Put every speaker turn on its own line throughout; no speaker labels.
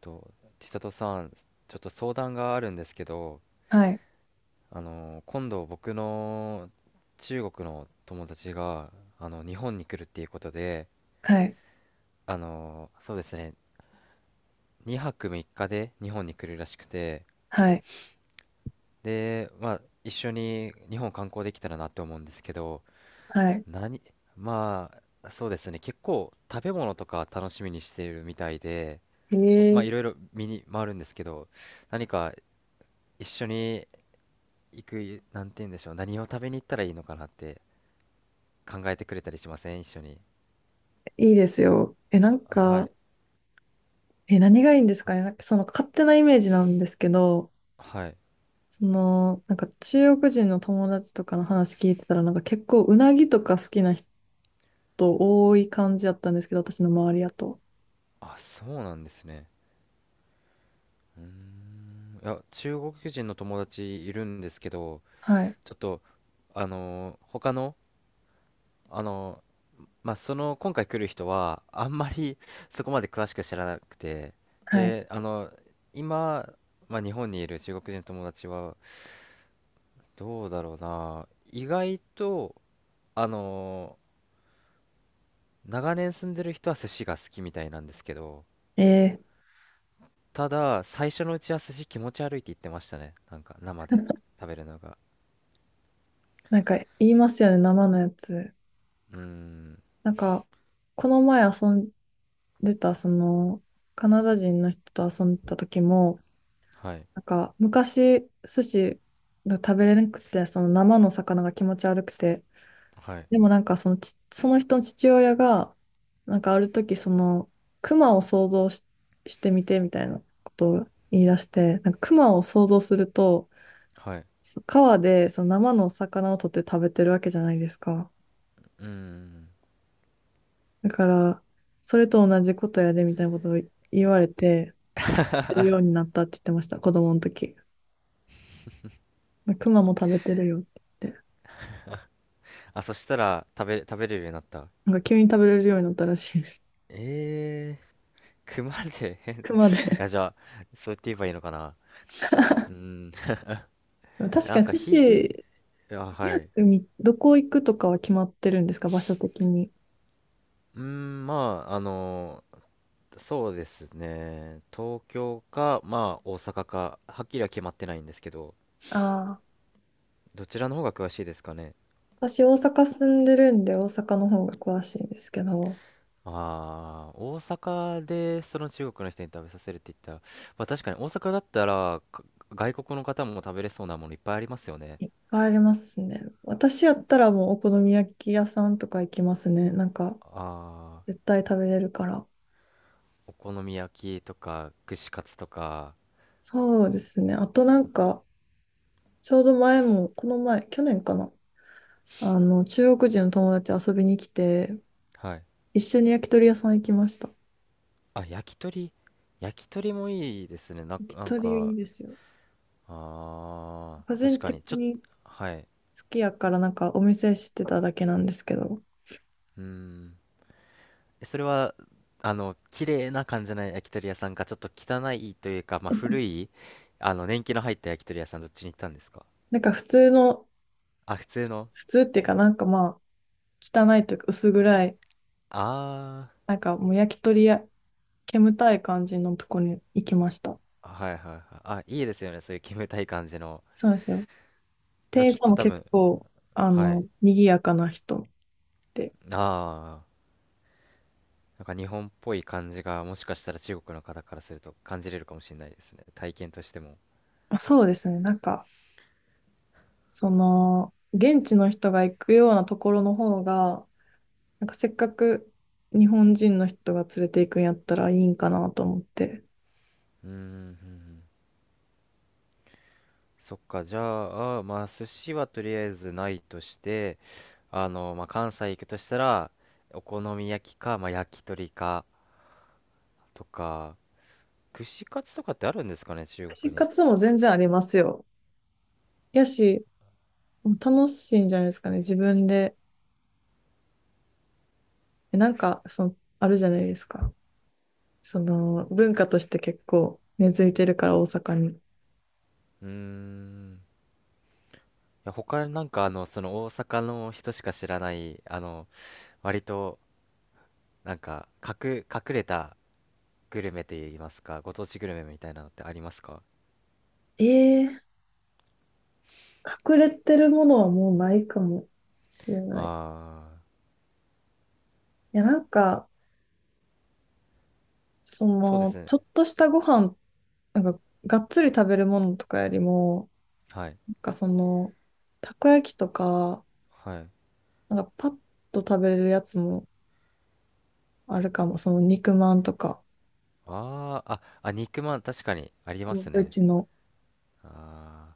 と、千里さん、ちょっと相談があるんですけど、
はい、
今度僕の中国の友達が、日本に来るっていうことで、
はい、
そうですね、2泊3日で日本に来るらしくて、
はい、
で、まあ、一緒に日本観光できたらなって思うんですけど、
はい。
何、まあ、そうですね、結構食べ物とか楽しみにしているみたいで、
え
まあ、
ー、
いろいろ見に回るんですけど、何か一緒に行く、なんて言うんでしょう、何を食べに行ったらいいのかなって考えてくれたりしません、一緒に。
いいですよ。な
あ
ん
は
か、
い。
何がいいんですかね。なんかその勝手なイメージなんですけど、
はい。
なんか中国人の友達とかの話聞いてたら、なんか結構うなぎとか好きな人多い感じだったんですけど、私の周りだと。
あ、そうなんですね。いや、中国人の友達いるんですけど、
はい、
ちょっと、あのー他の、あのーまあ、その、今回来る人は、あんまり そこまで詳しく知らなくて、
はい。
で、今、まあ、日本にいる中国人の友達は、どうだろうな、意外と、あのー長年住んでる人は寿司が好きみたいなんですけど、
えー、
ただ最初のうちは寿司気持ち悪いって言ってましたね。なんか生で 食べるのが。
なんか言いますよね、生のやつ。
うーん、
なんか、この前遊んでた、その、カナダ人の人と遊んでた時も、
はい、
なんか昔寿司が食べれなくてその生の魚が気持ち悪くて、
はい、
でもなんかそのち、その人の父親がなんかある時そのクマを想像し、してみてみたいなことを言い出して、なんかクマを想像すると
はい。
そ川でその生の魚を取って食べてるわけじゃないですか。
うーん。
だからそれと同じことやでみたいなことを言われてやるようになったって言ってました、子供の時クマも食べてるよって言って。
あ、そしたら食べれるようになった。
なんか急に食べれるようになったらしいです。
え熊で変 い
熊で。
や、じゃあ、そう言って言えばいいのかな。うーん、
でも確
な
か
ん
に
か
寿司、
あ、はい。
2みどこ行くとかは決まってるんですか、場所的に。
うーん、まあ、そうですね。東京か、まあ、大阪か、はっきりは決まってないんですけど、
ああ、
どちらの方が詳しいですかね。
私大阪住んでるんで大阪の方が詳しいんですけど、
ああ、大阪でその中国の人に食べさせるって言ったら、まあ確かに大阪だったらか外国の方も食べれそうなものいっぱいありますよね。
いっぱいありますね。私やったらもうお好み焼き屋さんとか行きますね。なんか
ああ、
絶対食べれるから。
お好み焼きとか串カツとか、
そうですね。あとなんか、ちょうど前も、この前、去年かな。あの、中国人の友達遊びに来て、
はい。
一緒に焼き鳥屋さん行きました。
あ、焼き鳥。焼き鳥もいいですね。
焼き鳥いいですよ。
ああ、
個
確
人
か
的
に。ちょっと、
に好
はい。
きやからなんかお店知ってただけなんですけど、
うーん。それは、綺麗な感じの焼き鳥屋さんか、ちょっと汚いというか、まあ、古い、年季の入った焼き鳥屋さん、どっちに行ったんですか？
なんか普通の、
あ、普通の。
普通っていうかなんかまあ、汚いというか薄暗い、
あ
なんかもう焼き鳥や煙たい感じのとこに行きました。
あ、はいはいはい。あ、いいですよね、そういう煙たい感じの。
そうなんですよ。
なん
店
か
員
ちょっ
さん
と
も
多
結
分、
構、あ
はい。
の、賑やかな人で。
ああ、なんか日本っぽい感じが、もしかしたら中国の方からすると感じれるかもしれないですね。体験としても。
あ、そうですね。なんか、その、現地の人が行くようなところの方が、なんかせっかく日本人の人が連れて行くんやったらいいんかなと思って。
うーん。そっか、じゃあ、まあ、寿司はとりあえずないとして、まあ、関西行くとしたら、お好み焼きか、まあ、焼き鳥か、とか、串カツとかってあるんですかね、中
串
国
カ
に。
ツも全然ありますよ。やし、楽しいんじゃないですかね、自分で。えなんか、その、あるじゃないですか。その、文化として結構根付いてるから、大阪に。
うーん。いや、他になんか、その大阪の人しか知らない、割と、なんか、隠れたグルメといいますか、ご当地グルメみたいなのってありますか？
えー、隠れてるものはもうないかもしれない。
ああー、
いや、なんか、そ
そうです
の、
ね。
ちょっとしたご飯、なんか、がっつり食べるものとかよりも、
はい。
なんかその、たこ焼きとか、
はい。
なんかパッと食べれるやつもあるかも。その肉まんとか、
あーあ、あ、肉まん、確かにあります
う
ね。
ちの。
あー、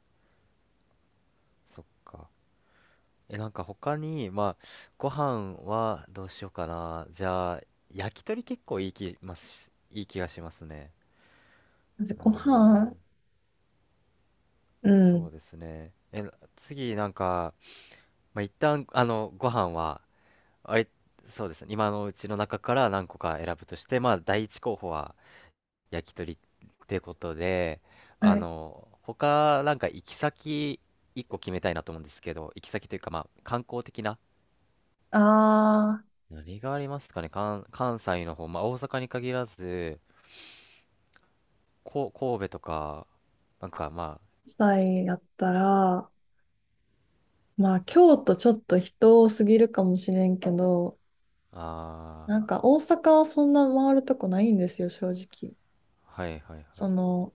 そっか。え、なんか他に、まあ、ご飯はどうしようかな。じゃあ、焼き鳥結構いい気がしますね。うー
ご
ん、
飯、う
そ
ん。
うですね。え、次なんか、まあ、一旦、ご飯は、あれ、そうですね。今のうちの中から何個か選ぶとして、まあ、第一候補は焼き鳥ってことで、
はい。
他、なんか行き先、一個決めたいなと思うんですけど、行き先というか、まあ、観光的な。
あ
何がありますかね、関西の方、まあ、大阪に限らず、神戸とか、なんかま
ー、菜やったら、まあ京都ちょっと人多すぎるかもしれんけど、
あ、
なんか大阪はそんな回るとこないんですよ、正直。
あー、はいはいはい、
その、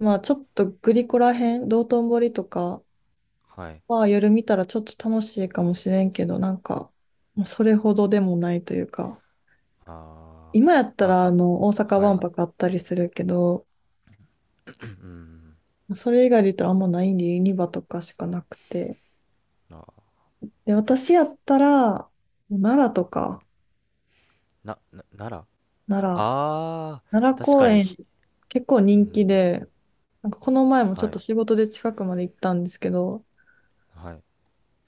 まあちょっとグリコらへん、道頓堀とか
はい、
は夜見たらちょっと楽しいかもしれんけど、なんか、まあそれほどでもないというか。
あ
今やった
ー、あ、
ら、あの、大阪
は
万
い、
博あったりするけど、
うん、
それ以外で言ったらあんまないんで、ユニバとかしかなくて。
あ、
で、私やったら、奈良とか、
奈良
奈良、
あ
奈良
確
公
かに
園、結構
う
人気
ん、
で、なんかこの前もちょっ
はい、
と仕事で近くまで行ったんですけど、
はい、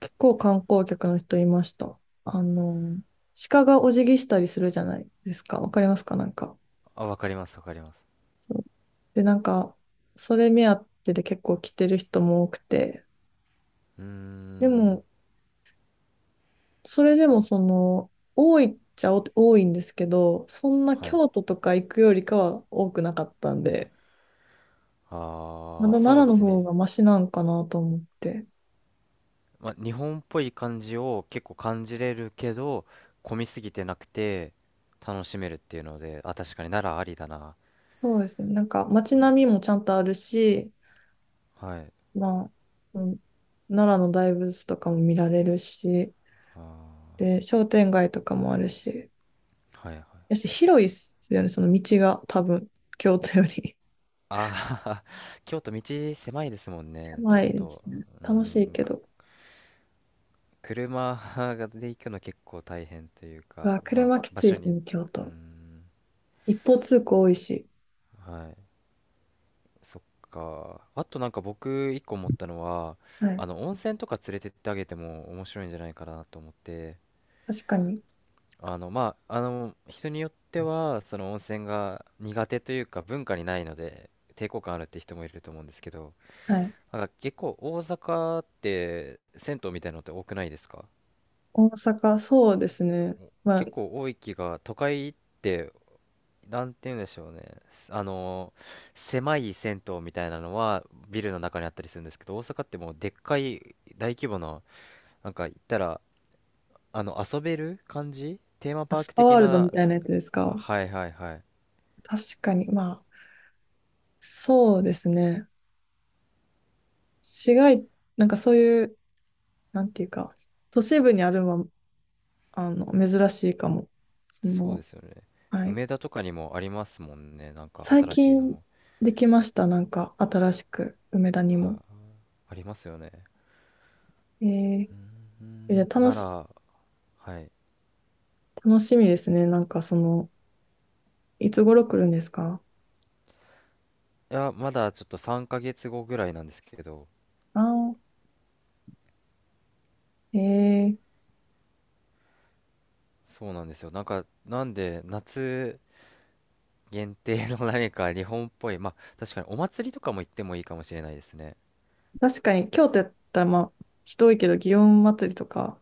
結構観光客の人いました。あの、鹿がお辞儀したりするじゃないですか。わかりますかなんか。
あ、わかりますわかります。
そうで、なんか、それ目当てで結構来てる人も多くて、
うー
で
ん、
も、それでもその、多いっちゃ多いんですけど、そんな
はい、
京都とか行くよりかは多くなかったんで、ま
あー、
だ奈
そう
良
で
の
す
方
ね。
がマシなんかなと思って。
まあ、日本っぽい感じを結構感じれるけど、混みすぎてなくて楽しめるっていうので、あ、確かに、ならありだな。
そうですね。なんか街並みもちゃんとあるし、
はい、
まあ、うん、奈良の大仏とかも見られるし、
あ
で、商店街とかもあるし、
ー、はいはい、
やし広いっすよね、その道が多分、京都より。
あー 京都、道狭いですもんね、ちょ
狭
っ
いです
と。
ね。
う
楽しい
ん、
けど。
車で行くの結構大変という
う
か、
わ、
まあ、
車き
場
ついで
所
す
によっ
ね、
て。
京
う
都。
ん、
一方通行多いし。
はい。そっか、あとなんか僕一個思ったのは、
はい、
温泉とか連れてってあげても面白いんじゃないかなと思って、
確かに。
まあ、人によってはその温泉が苦手というか文化にないので抵抗感あるって人もいると思うんですけど、
はい。
なんか結構大阪って銭湯みたいなのって多くないですか？
大阪、そうですね。
お
まあ、
結構多い気が、都会って、なんて言うんでしょうね。すあの狭い銭湯みたいなのはビルの中にあったりするんですけど、大阪ってもうでっかい大規模な、なんか言ったら、遊べる感じ、テーマパ
ア
ー
ス
ク
パ
的
ワールドみ
な、
たいなやつです
あ、
か。
はいはいはい、
確かに。まあ、そうですね。市街、なんかそういう、なんていうか、都市部にあるのは、あの、珍しいかも。そ
そうで
の、
すよね。
はい。
梅田とかにもありますもんね。なんか
最
新しい
近
の。
できました。なんか、新しく、梅田に
は
も。
い、ありますよね。
えー、
う
えじ
ん、
ゃあ楽
な
し、
ら、はい。
楽しみですね。なんか、その、いつ頃来るんですか？
いや、まだちょっと3ヶ月後ぐらいなんですけど、
ああー、えー、
そうなんですよ。なんか、なんで、夏限定の 何か日本っぽい、まあ、確かにお祭りとかも行ってもいいかもしれないですね。
確かに、京都やったら、まあ、人多いけど、祇園祭りとか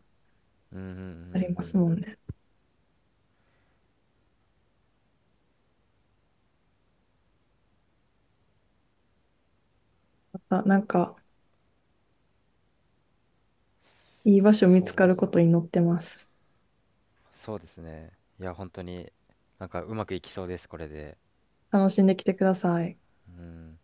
うん、うん、うん、う
あります
ん。
もんね。また、なんか、いい場所見つ
そ
か
う、
ることに祈ってます。
そうですね。いや、本当に、なんかうまくいきそうです、これで。
楽しんできてください。
うん。